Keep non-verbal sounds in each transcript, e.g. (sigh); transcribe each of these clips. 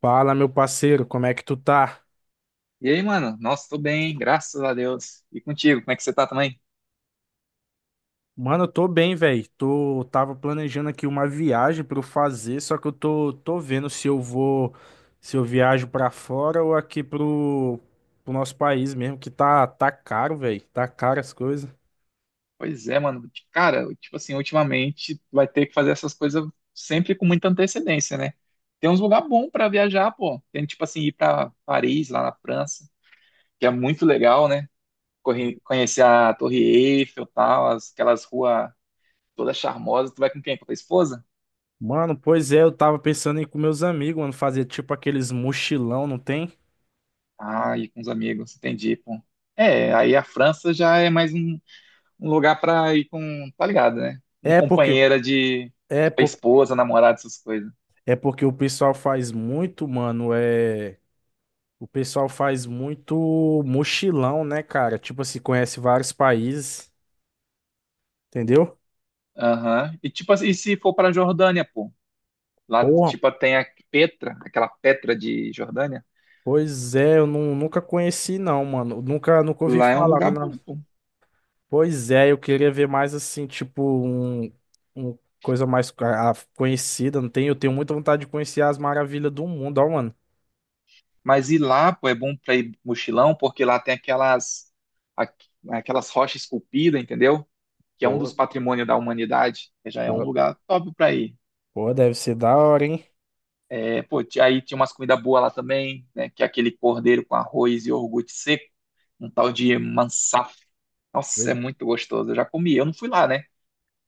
Fala, meu parceiro, como é que tu tá? E aí, mano? Nossa, tô bem, graças a Deus. E contigo, como é que você tá também? Mano, eu tô bem, velho. Tô tava planejando aqui uma viagem pra eu fazer, só que eu tô vendo se eu viajo pra fora ou aqui pro nosso país mesmo, que tá caro, velho. Tá caro as coisas. Pois é, mano. Cara, tipo assim, ultimamente vai ter que fazer essas coisas sempre com muita antecedência, né? Tem uns lugar bom pra viajar, pô. Tem tipo assim ir pra Paris, lá na França, que é muito legal, né? Conhecer a Torre Eiffel, tal, aquelas ruas todas charmosas. Tu vai com quem? Com a tua esposa? Mano, pois é, eu tava pensando em ir com meus amigos, mano, fazer tipo aqueles mochilão, não tem? Ah, e com os amigos, entendi, pô. É, aí a França já é mais um lugar pra ir com, tá ligado, né? Um É porque companheira de, é tipo, por, esposa, namorada, essas coisas. é porque o pessoal faz muito mochilão, né, cara? Tipo assim, conhece vários países, entendeu? Aham. E tipo, assim, e se for pra Jordânia, pô? Lá, Porra, tipo, tem a Petra, aquela Petra de Jordânia. pois é, eu nunca conheci, não, mano. Nunca ouvi Lá é um falar, né? lugar bom, pô. Pois é, eu queria ver mais assim, tipo, um coisa mais conhecida, não tem? Eu tenho muita vontade de conhecer as maravilhas do mundo, ó, mano. Mas ir lá, pô, é bom pra ir mochilão, porque lá tem aquelas, aqu- aquelas rochas esculpidas, entendeu? Que é um dos Pô, patrimônios da humanidade. Já é um pô, lugar top pra ir. pô, deve ser da hora, hein? É, pô, aí tinha umas comidas boas lá também, né? Que é aquele cordeiro com arroz e iogurte seco, um tal de mansaf. Oi. Nossa, é muito gostoso. Eu já comi, eu não fui lá, né?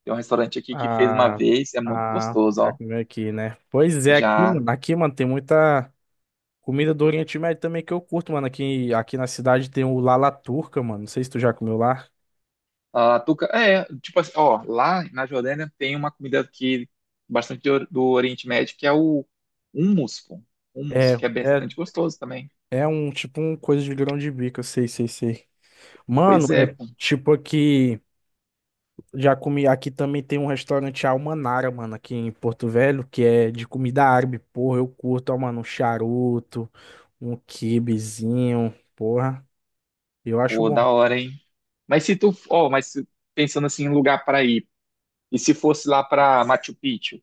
Tem um restaurante aqui que fez uma Ah, vez, é muito ah, gostoso, já ó. que veio aqui, né? Pois é, aqui, Já. mano, aqui, mano, tem muita. Comida do Oriente Médio também que eu curto, mano. Aqui na cidade tem o Lala Turca, mano. Não sei se tu já comeu lá. A Tuca, é, tipo assim, ó, lá na Jordânia tem uma comida que bastante do Oriente Médio, que é o hummus, pô. É, Hummus, é, que é bastante gostoso também. é um tipo um coisa de grão de bico, eu sei, sei, sei. Mano, Pois é, é pô. tipo aqui. Já comi. Aqui também tem um restaurante Almanara, mano, aqui em Porto Velho, que é de comida árabe. Porra, eu curto, ó, mano, um charuto, um quibezinho, porra. Eu acho Pô, bom. da hora, hein? Mas se tu, ó, pensando assim em lugar para ir, e se fosse lá para Machu Picchu?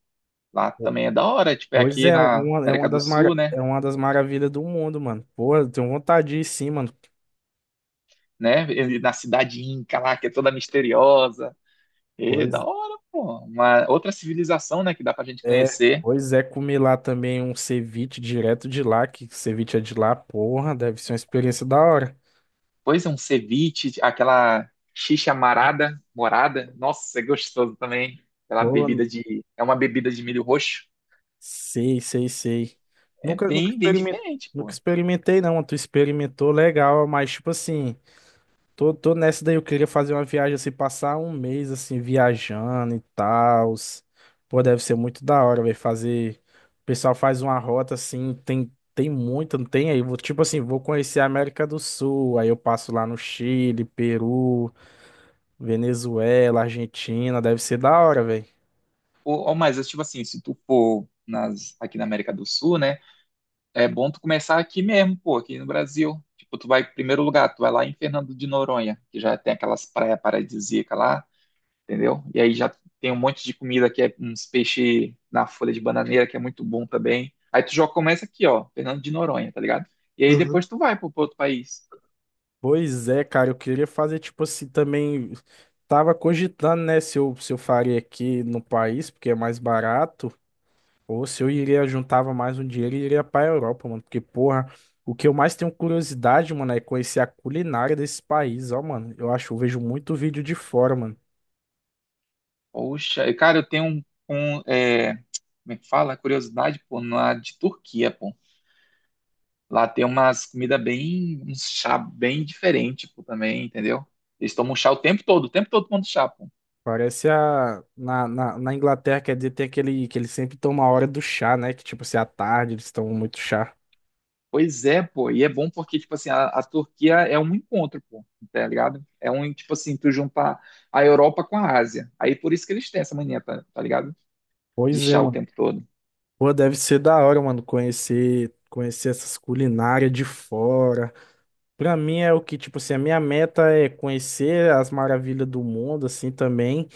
Lá Po- também é da hora, tipo, é Pois é, aqui na América do Sul, né? é uma das maravilhas do mundo, mano. Porra, eu tenho vontade de ir sim, mano. Né? E na cidade Inca lá, que é toda misteriosa. É Pois. da hora, pô. Uma outra civilização, né, que dá pra gente É, conhecer. pois é, comer lá também um ceviche direto de lá, que ceviche é de lá, porra, deve ser uma experiência da hora. Pois é, um ceviche, aquela xixa marada, morada. Nossa, é gostoso também. Aquela Pô, bebida de... É uma bebida de milho roxo. sei, sei, sei. É Nunca, nunca bem, bem experimentei, diferente, nunca pô. experimentei não, tu experimentou legal, mas tipo assim. Tô nessa daí, eu queria fazer uma viagem assim, passar um mês assim, viajando e tal. Pô, deve ser muito da hora, velho, fazer. O pessoal faz uma rota assim, tem muita, não tem aí. Tipo assim, vou conhecer a América do Sul, aí eu passo lá no Chile, Peru, Venezuela, Argentina, deve ser da hora, velho. Ou mais, tipo assim, se tu for nas, aqui na América do Sul, né? É bom tu começar aqui mesmo, pô, aqui no Brasil. Tipo, tu vai, primeiro lugar, tu vai lá em Fernando de Noronha, que já tem aquelas praias paradisíacas lá, entendeu? E aí já tem um monte de comida que é uns peixes na folha de bananeira, que é muito bom também. Aí tu já começa aqui, ó, Fernando de Noronha, tá ligado? E aí depois tu vai pro, outro país. Pois é, cara, eu queria fazer tipo assim também. Tava cogitando, né, se eu faria aqui no país, porque é mais barato, ou se eu iria juntava mais um dinheiro e iria pra Europa, mano. Porque, porra, o que eu mais tenho curiosidade, mano, é conhecer a culinária desse país, ó, mano. Eu vejo muito vídeo de fora, mano. Poxa, e, cara, eu tenho um, um, é, como é que fala? Curiosidade, pô, na de Turquia, pô. Lá tem umas comidas bem, um chá bem diferente, pô, também, entendeu? Eles tomam chá o tempo todo tomando chá, pô. Parece a. Na Inglaterra, quer dizer, tem aquele que eles sempre tomam a hora do chá, né? Que tipo assim, à tarde eles tomam muito chá. Pois é, pô, e é bom porque, tipo assim, a Turquia é um encontro, pô, tá ligado? É um, tipo assim, tu juntar a Europa com a Ásia. Aí por isso que eles têm essa mania, tá ligado? De Pois é, chá o mano. tempo todo. Pô, deve ser da hora, mano, conhecer essas culinárias de fora. Pra mim é o que, tipo assim, a minha meta é conhecer as maravilhas do mundo, assim, também.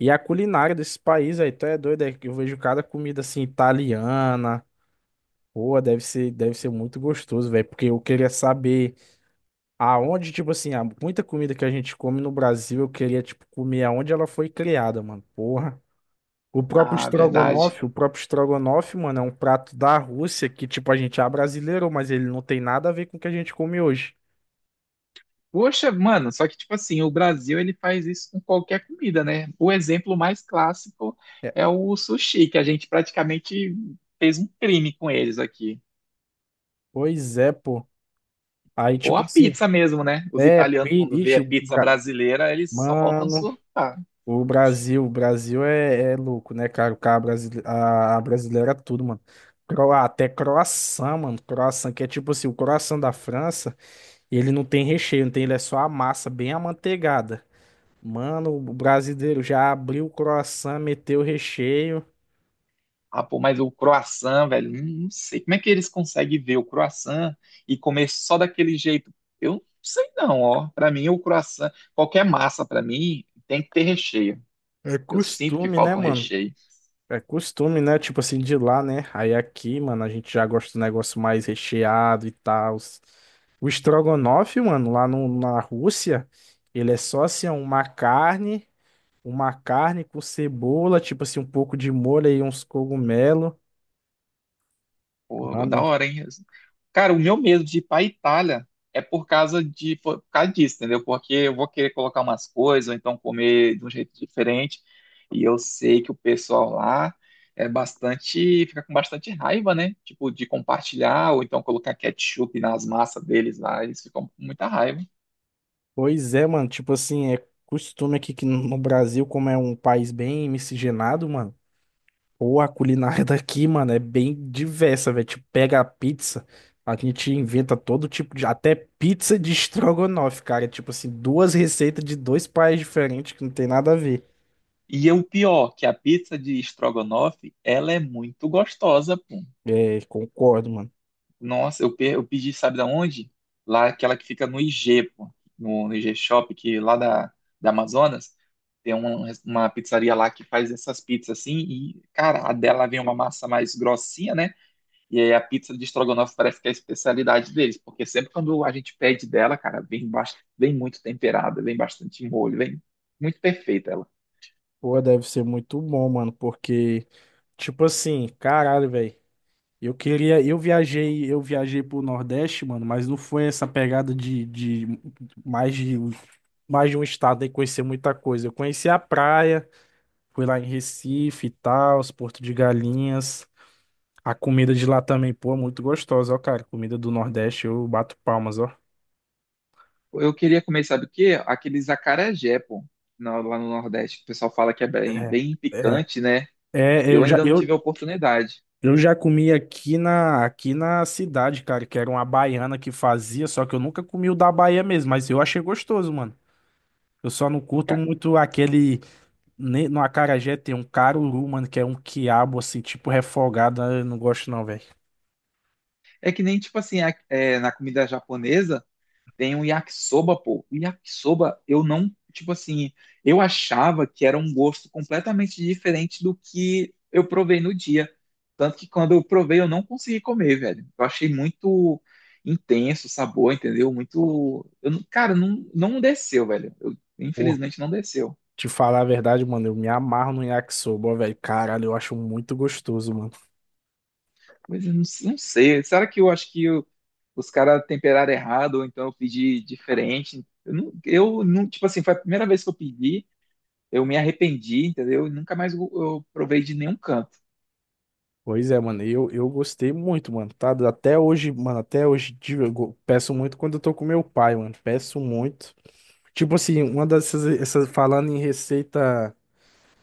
E a culinária desse país aí, tu é doido, é que eu vejo cada comida, assim, italiana. Pô, deve ser muito gostoso, velho, porque eu queria saber aonde, tipo assim, há muita comida que a gente come no Brasil, eu queria, tipo, comer aonde ela foi criada, mano, porra. O próprio Ah, verdade. estrogonofe, o próprio estrogonofe, mano, é um prato da Rússia que, tipo, a gente abrasileirou, mas ele não tem nada a ver com o que a gente come hoje. Poxa, mano, só que, tipo assim, o Brasil, ele faz isso com qualquer comida, né? O exemplo mais clássico É, é o sushi, que a gente praticamente fez um crime com eles aqui. pois é, pô. Aí, Ou tipo a assim, pizza mesmo, né? Os italianos, quando vê pedite, a pizza brasileira, eles só faltam mano, surtar. o Brasil é louco, né, cara? O cara brasile- a brasileira é tudo, mano. Até croissant, mano. Croissant, que é tipo assim, o croissant da França, ele não tem recheio, não tem, ele é só a massa bem amanteigada. Mano, o brasileiro já abriu o croissant, meteu o recheio. Ah, pô, mas o croissant, velho, não sei. Como é que eles conseguem ver o croissant e comer só daquele jeito? Eu não sei não, ó. Pra mim, o croissant, qualquer massa, pra mim, tem que ter recheio. É Eu sinto que costume, né, falta um mano? recheio. É costume, né? Tipo assim, de lá, né? Aí aqui, mano, a gente já gosta do negócio mais recheado e tal. O estrogonofe, mano, lá na Rússia, ele é só assim, ó, uma carne, com cebola, tipo assim, um pouco de molho e uns cogumelos. Pô, da Mano, hora, hein? Cara, o meu medo de ir pra Itália é por causa de, por causa disso, entendeu? Porque eu vou querer colocar umas coisas, ou então comer de um jeito diferente. E eu sei que o pessoal lá é bastante, fica com bastante raiva, né? Tipo, de compartilhar, ou então colocar ketchup nas massas deles lá, eles ficam com muita raiva. pois é, mano, tipo assim, é costume aqui que no Brasil, como é um país bem miscigenado, mano. Pô, a culinária (laughs) daqui, mano, é bem diversa, velho. Tipo, pega a pizza, a gente inventa todo tipo de. Até pizza de (laughs) estrogonofe, cara. Tipo assim, duas receitas de dois países diferentes que não tem nada a ver. E é o pior, que a pizza de estrogonofe, ela é muito gostosa, pô. É, concordo, mano. Nossa, eu pedi, sabe da onde? Lá, aquela que fica no IG, pô, no IG Shop, que lá da Amazonas, tem uma pizzaria lá que faz essas pizzas assim, e, cara, a dela vem uma massa mais grossinha, né? E aí a pizza de estrogonofe parece que é a especialidade deles, porque sempre quando a gente pede dela, cara, vem, vem muito temperada, vem bastante molho, vem muito perfeita ela. Pô, deve ser muito bom, mano, porque, tipo assim, caralho, velho. Eu queria. Eu viajei pro Nordeste, mano, mas não foi essa pegada de mais de. Mais de um estado e conhecer muita coisa. Eu conheci a praia. Fui lá em Recife e tal, os Porto de Galinhas. A comida de lá também, pô, é muito gostosa, ó, cara. Comida do Nordeste, eu bato palmas, ó. Eu queria comer, sabe o quê? Aqueles acarajé, pô, lá no Nordeste, que o pessoal fala que é bem, É, bem é, picante, né? é, Eu ainda não tive a oportunidade. eu já comi aqui na cidade, cara, que era uma baiana que fazia, só que eu nunca comi o da Bahia mesmo, mas eu achei gostoso, mano. Eu só não curto Ca- muito aquele. No acarajé tem um caruru, mano, que é um quiabo, assim, tipo refogado. Eu não gosto, não, velho. É que nem, tipo assim, na comida japonesa tem um yakisoba, pô. O yakisoba, eu não, tipo assim, eu achava que era um gosto completamente diferente do que eu provei no dia. Tanto que quando eu provei, eu não consegui comer, velho. Eu achei muito intenso o sabor, entendeu? Muito. Eu, não- cara, não, não desceu, velho. Eu, infelizmente não desceu. Te falar a verdade, mano, eu me amarro no yakisoba, ó, velho. Caralho, eu acho muito gostoso, mano. Mas eu não, não sei. Será que eu acho os caras temperaram errado, ou então eu pedi diferente? Eu não tipo assim, foi a primeira vez que eu pedi, eu me arrependi, entendeu? E nunca mais eu provei de nenhum canto. Pois é, mano, eu gostei muito, mano, tá? Até hoje, mano, até hoje em dia, peço muito quando eu tô com meu pai, mano. Peço muito. Tipo assim, essas, falando em receita,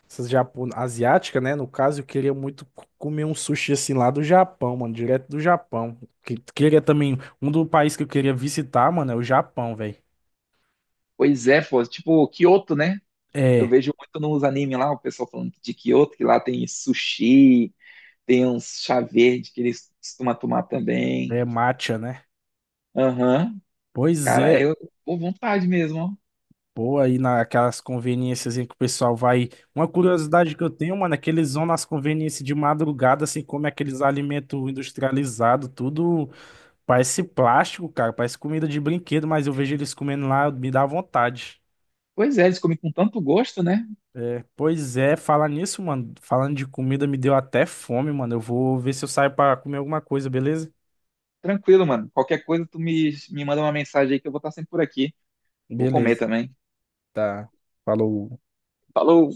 essas asiática, né? No caso, eu queria muito comer um sushi assim lá do Japão, mano, direto do Japão. Queria também, um do país que eu queria visitar, mano, é o Japão, velho. Pois é, pô, tipo Kyoto, né? Eu É, vejo muito nos animes lá, o pessoal falando de Kyoto, que lá tem sushi, tem uns chá verde que eles costumam tomar também. é matcha, né? Aham. Pois Cara, é. eu, pô, vontade mesmo, ó. Pô, aí naquelas conveniências em que o pessoal vai. Uma curiosidade que eu tenho, mano, é que eles vão nas conveniências de madrugada, assim, come aqueles alimentos industrializados, tudo parece plástico, cara, parece comida de brinquedo, mas eu vejo eles comendo lá, me dá vontade. Pois é, eles comem com tanto gosto, né? É, pois é, falar nisso, mano, falando de comida, me deu até fome, mano. Eu vou ver se eu saio pra comer alguma coisa, beleza? Tranquilo, mano. Qualquer coisa, me manda uma mensagem aí que eu vou estar sempre por aqui. Vou comer Beleza, também. tá. Falou. Falou!